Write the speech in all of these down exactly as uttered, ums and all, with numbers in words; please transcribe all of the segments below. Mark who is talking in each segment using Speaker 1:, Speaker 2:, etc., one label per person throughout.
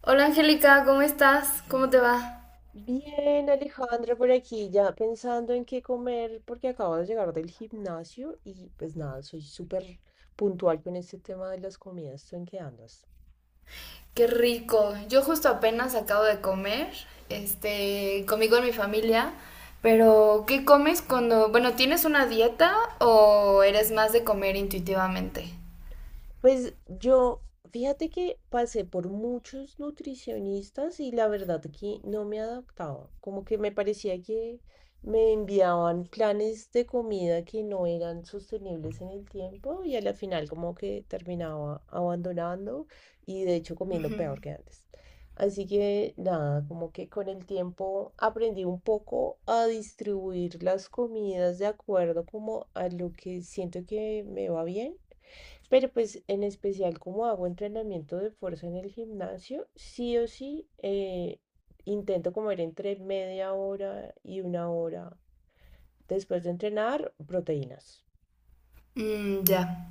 Speaker 1: Hola Angélica, ¿cómo estás? ¿Cómo te va?
Speaker 2: Bien, Alejandra, por aquí ya pensando en qué comer, porque acabo de llegar del gimnasio y pues nada, soy súper puntual con este tema de las comidas. ¿Tú en qué andas?
Speaker 1: Qué rico. Yo justo apenas acabo de comer, este, conmigo en mi familia, pero ¿qué comes cuando, bueno, tienes una dieta o eres más de comer intuitivamente?
Speaker 2: Pues yo, fíjate que pasé por muchos nutricionistas y la verdad que no me adaptaba. Como que me parecía que me enviaban planes de comida que no eran sostenibles en el tiempo y a la final como que terminaba abandonando y de hecho comiendo peor que antes. Así que nada, como que con el tiempo aprendí un poco a distribuir las comidas de acuerdo como a lo que siento que me va bien, pero pues en especial como hago entrenamiento de fuerza en el gimnasio, sí o sí, eh, intento comer entre media hora y una hora después de entrenar proteínas.
Speaker 1: Mm, ya.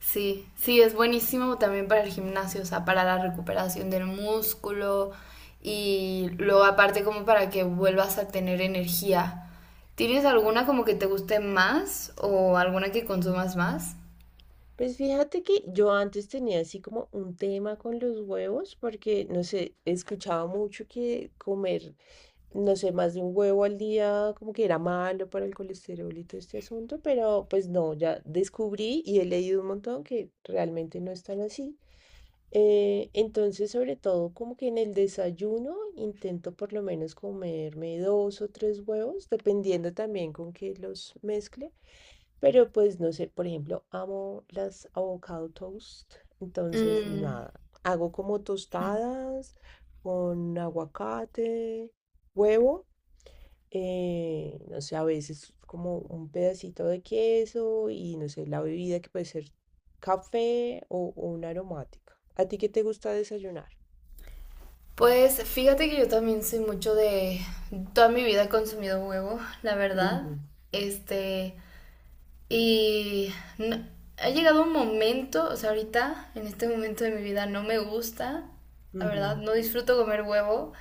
Speaker 1: Sí, sí, es buenísimo también para el gimnasio, o sea, para la recuperación del músculo y luego aparte como para que vuelvas a tener energía. ¿Tienes
Speaker 2: Tal
Speaker 1: alguna
Speaker 2: cual.
Speaker 1: como que te guste más o alguna que consumas más?
Speaker 2: Pues fíjate que yo antes tenía así como un tema con los huevos porque, no sé, escuchaba mucho que comer, no sé, más de un huevo al día, como que era malo para el colesterol y todo este asunto, pero pues no, ya descubrí y he leído un montón que realmente no es tan así. Eh, entonces, sobre todo, como que en el desayuno intento por lo menos comerme dos o tres huevos, dependiendo también con qué los mezcle. Pero pues no sé, por ejemplo, amo las avocado toast. Entonces,
Speaker 1: Mm.
Speaker 2: nada, hago como tostadas con aguacate, huevo, eh, no sé, a veces como un pedacito de queso y no sé, la bebida que puede ser café o, o una aromática. ¿A ti qué te gusta desayunar?
Speaker 1: Pues fíjate que yo también soy mucho de... Toda mi vida he consumido huevo, la verdad.
Speaker 2: Ujú,
Speaker 1: Este, Y no- ha llegado un momento, o sea, ahorita, en este momento de mi vida, no me gusta, la
Speaker 2: ujú,
Speaker 1: verdad, no disfruto comer huevo,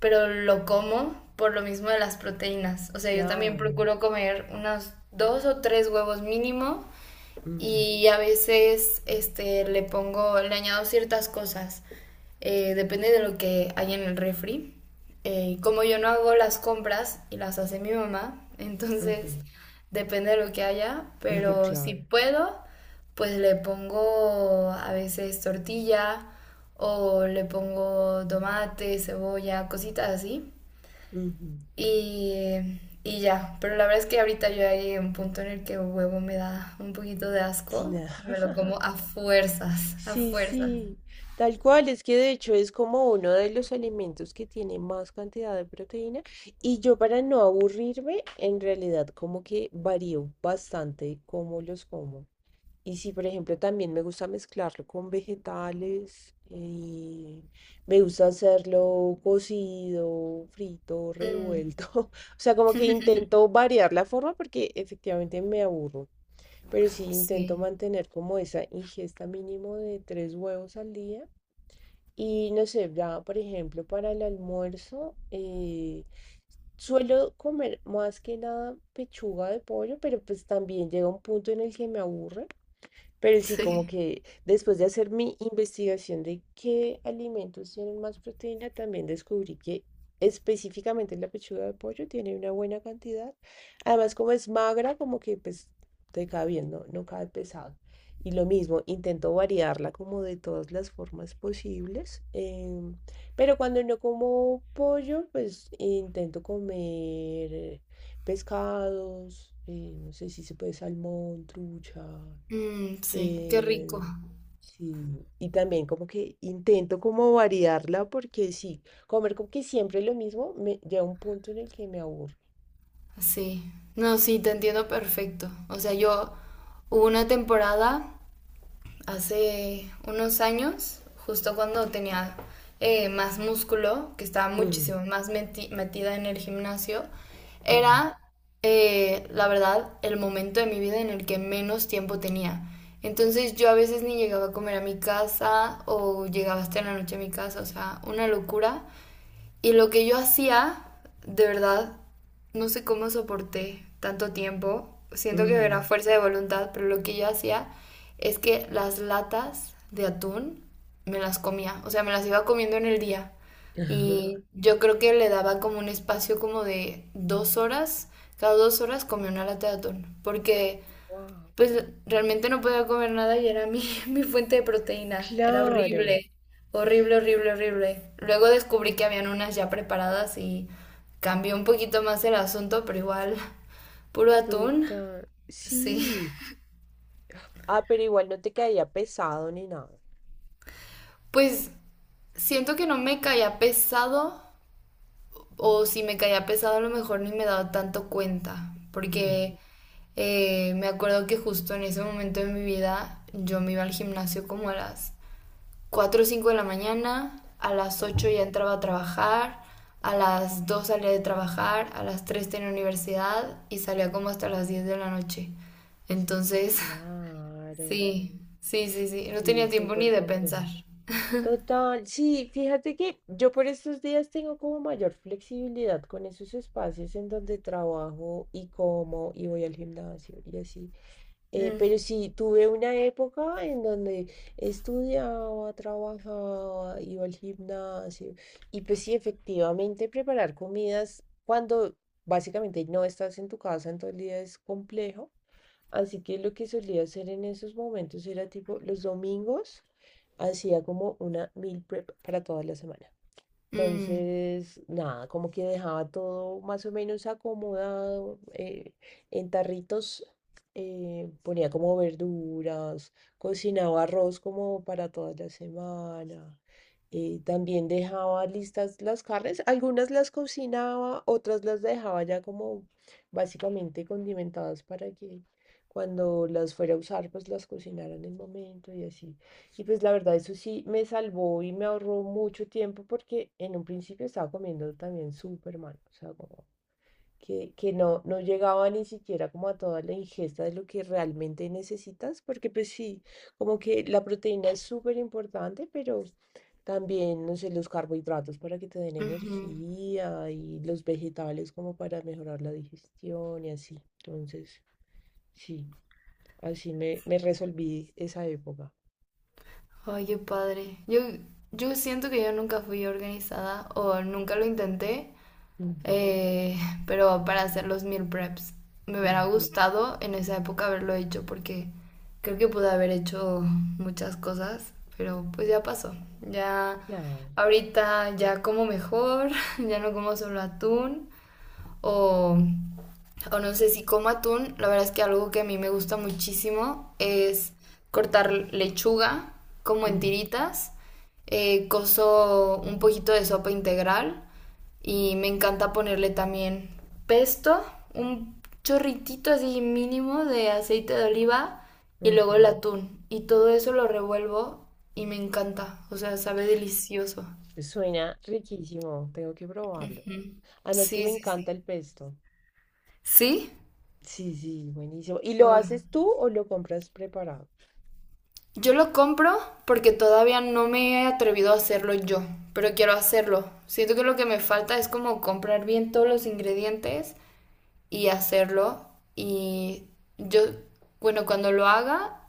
Speaker 1: pero lo como por lo mismo de las proteínas. O sea, yo también
Speaker 2: claro.
Speaker 1: procuro comer unos dos o tres huevos mínimo
Speaker 2: Ujú,
Speaker 1: y a veces este, le pongo, le añado ciertas cosas. Eh, depende de lo que hay en el refri. Eh, como yo no hago las compras y las hace mi mamá, entonces depende de lo que haya,
Speaker 2: ujú,
Speaker 1: pero si
Speaker 2: claro.
Speaker 1: puedo, pues le pongo a veces tortilla o le pongo tomate, cebolla, cositas así.
Speaker 2: Ujú,
Speaker 1: Y, y ya, pero la verdad es que ahorita yo ya llegué a un punto en el que el huevo me da un poquito de asco y me lo
Speaker 2: claro.
Speaker 1: como a fuerzas, a
Speaker 2: Sí,
Speaker 1: fuerzas.
Speaker 2: sí, tal cual, es que de hecho es como uno de los alimentos que tiene más cantidad de proteína y yo, para no aburrirme, en realidad como que varío bastante cómo los como. Y si por ejemplo también me gusta mezclarlo con vegetales, y me gusta hacerlo cocido, frito,
Speaker 1: Mm,
Speaker 2: revuelto, o sea, como que intento variar la forma porque efectivamente me aburro, pero sí intento
Speaker 1: sí.
Speaker 2: mantener como esa ingesta mínimo de tres huevos al día. Y no sé, ya por ejemplo para el almuerzo, eh, suelo comer más que nada pechuga de pollo, pero pues también llega un punto en el que me aburre. Pero sí, como
Speaker 1: Sí.
Speaker 2: que después de hacer mi investigación de qué alimentos tienen más proteína, también descubrí que específicamente la pechuga de pollo tiene una buena cantidad. Además, como es magra, como que pues te cae bien, no, no cae pesado. Y lo mismo, intento variarla como de todas las formas posibles. em, pero cuando no como pollo, pues intento comer eh, pescados, eh, no sé si se puede, salmón, trucha,
Speaker 1: Mm, sí, qué rico.
Speaker 2: eh, sí, y también como que intento como variarla porque sí, comer como que siempre lo mismo me llega un punto en el que me aburre.
Speaker 1: Sí. No, sí, te entiendo perfecto. O sea, yo hubo una temporada hace unos años, justo cuando tenía eh, más músculo, que estaba
Speaker 2: Ujú,
Speaker 1: muchísimo más meti- metida en el gimnasio,
Speaker 2: ujú,
Speaker 1: era, eh, la verdad, el momento de mi vida en el que menos tiempo tenía. Entonces yo a veces ni llegaba a comer a mi casa o llegaba hasta la noche a mi casa, o sea, una locura. Y lo que yo hacía, de verdad, no sé cómo soporté tanto tiempo. Siento que
Speaker 2: ujú.
Speaker 1: era fuerza de voluntad, pero lo que yo hacía es que las latas de atún me las comía, o sea, me las iba comiendo en el día. Y yo creo que le daba como un espacio como de dos horas, cada dos horas comía una lata de atún, porque
Speaker 2: Wow,
Speaker 1: pues realmente no podía comer nada y era mi, mi fuente de proteína. Era
Speaker 2: claro,
Speaker 1: horrible, horrible, horrible, horrible. Luego descubrí que habían unas ya preparadas y cambió un poquito más el asunto, pero igual, puro atún.
Speaker 2: total.
Speaker 1: Sí.
Speaker 2: Sí. Ah, pero igual no te caía pesado ni nada.
Speaker 1: Pues siento que no me caía pesado o si me caía pesado a lo mejor ni me daba tanto cuenta,
Speaker 2: Mm,
Speaker 1: porque eh, me acuerdo que justo en ese momento de mi vida yo me iba al gimnasio como a las cuatro o cinco de la mañana, a las
Speaker 2: wow,
Speaker 1: ocho ya entraba a trabajar, a las dos salía de trabajar, a las tres tenía universidad y salía como hasta las diez de la noche. Entonces,
Speaker 2: claro.
Speaker 1: sí, sí, sí, sí, no
Speaker 2: Sí,
Speaker 1: tenía tiempo ni
Speaker 2: súper
Speaker 1: de
Speaker 2: complejo.
Speaker 1: pensar.
Speaker 2: Total, sí, fíjate que yo por estos días tengo como mayor flexibilidad con esos espacios en donde trabajo y como y voy al gimnasio y así. Eh,
Speaker 1: Mm,
Speaker 2: pero sí, tuve una época en donde estudiaba, trabajaba, iba al gimnasio y pues sí, efectivamente preparar comidas cuando básicamente no estás en tu casa en todo el día es complejo. Así que lo que solía hacer en esos momentos era tipo los domingos hacía como una meal prep para toda la semana.
Speaker 1: mm,
Speaker 2: Entonces, nada, como que dejaba todo más o menos acomodado, eh, en tarritos, eh, ponía como verduras, cocinaba arroz como para toda la semana. eh, también dejaba listas las carnes, algunas las cocinaba, otras las dejaba ya como básicamente condimentadas para que cuando las fuera a usar, pues las cocinara en el momento y así. Y pues la verdad, eso sí me salvó y me ahorró mucho tiempo porque en un principio estaba comiendo también súper mal, o sea, como que, que no, no llegaba ni siquiera como a toda la ingesta de lo que realmente necesitas, porque pues sí, como que la proteína es súper importante, pero también, no sé, los carbohidratos para que te den
Speaker 1: ujú.
Speaker 2: energía y los vegetales como para mejorar la digestión y así. Entonces, sí, así me, me resolví esa época.
Speaker 1: Ay, qué padre. Yo, yo siento que yo nunca fui organizada o nunca lo intenté
Speaker 2: Ujú.
Speaker 1: eh, pero para hacer los meal preps. Me hubiera
Speaker 2: Ujú,
Speaker 1: gustado en esa época haberlo hecho porque creo que pude haber hecho muchas cosas, pero pues ya pasó. Ya
Speaker 2: claro.
Speaker 1: ahorita ya como mejor, ya no como solo atún o, o no sé si como atún. La verdad es que algo que a mí me gusta muchísimo es cortar lechuga como en
Speaker 2: Ujú,
Speaker 1: tiritas. Eh, coso un poquito de sopa integral y me encanta ponerle también pesto, un chorritito así mínimo de aceite de oliva y luego
Speaker 2: ujú.
Speaker 1: el atún. Y todo eso lo revuelvo y me encanta. O sea, sabe delicioso.
Speaker 2: Suena riquísimo, tengo que probarlo.
Speaker 1: Ujú.
Speaker 2: Además que
Speaker 1: Sí,
Speaker 2: me
Speaker 1: sí,
Speaker 2: encanta
Speaker 1: sí.
Speaker 2: el pesto.
Speaker 1: ¿Sí?
Speaker 2: Sí, sí, buenísimo. ¿Y lo
Speaker 1: Ay.
Speaker 2: haces tú o lo compras preparado?
Speaker 1: Yo lo compro porque todavía no me he atrevido a hacerlo yo, pero quiero hacerlo. Siento que lo que me falta es como comprar bien todos los ingredientes y hacerlo. Y yo, bueno, cuando lo haga,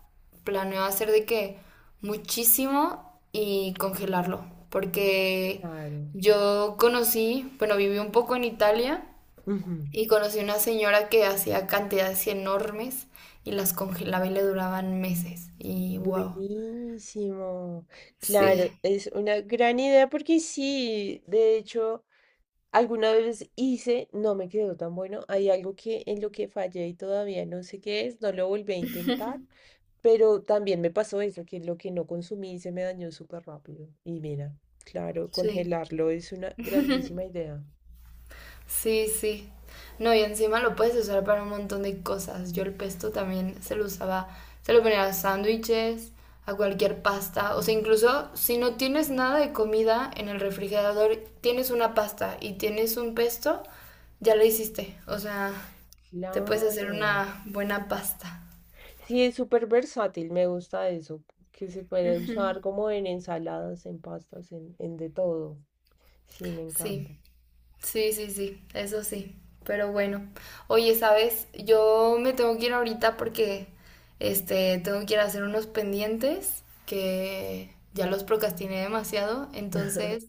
Speaker 1: planeo hacer de que muchísimo y congelarlo, porque
Speaker 2: Claro.
Speaker 1: yo conocí, bueno, viví un poco en Italia
Speaker 2: Ujú,
Speaker 1: y conocí una señora que hacía cantidades enormes y las congelaba y le duraban meses. Y wow,
Speaker 2: buenísimo. Claro,
Speaker 1: sí,
Speaker 2: es una gran idea porque sí, de hecho. Alguna vez hice, no me quedó tan bueno. Hay algo que en lo que fallé y todavía no sé qué es, no lo volví a intentar, pero también me pasó eso, que lo que no consumí se me dañó súper rápido. Y mira, claro,
Speaker 1: sí.
Speaker 2: congelarlo es una grandísima idea.
Speaker 1: Sí, sí. No, y encima lo puedes usar para un montón de cosas. Yo el pesto también se lo usaba, se lo ponía a sándwiches, a cualquier pasta. O sea, incluso si no tienes nada de comida en el refrigerador, tienes una pasta y tienes un pesto, ya lo hiciste. O sea, te puedes hacer
Speaker 2: Claro.
Speaker 1: una buena pasta.
Speaker 2: Sí, es súper versátil, me gusta eso, que se puede
Speaker 1: Ujú.
Speaker 2: usar como en ensaladas, en pastas, en, en de todo. Sí, me encanta.
Speaker 1: Sí. Sí, sí, sí, eso sí. Pero bueno, oye, ¿sabes? Yo me tengo que ir ahorita porque este tengo que ir a hacer unos pendientes que ya los procrastiné demasiado, entonces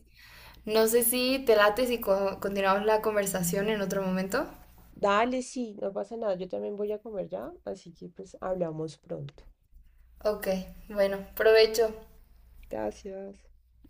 Speaker 1: no sé si te late si co- continuamos la conversación en otro momento.
Speaker 2: Dale, sí, no pasa nada, yo también voy a comer ya, así que pues hablamos pronto.
Speaker 1: Ok, bueno, provecho.
Speaker 2: Gracias.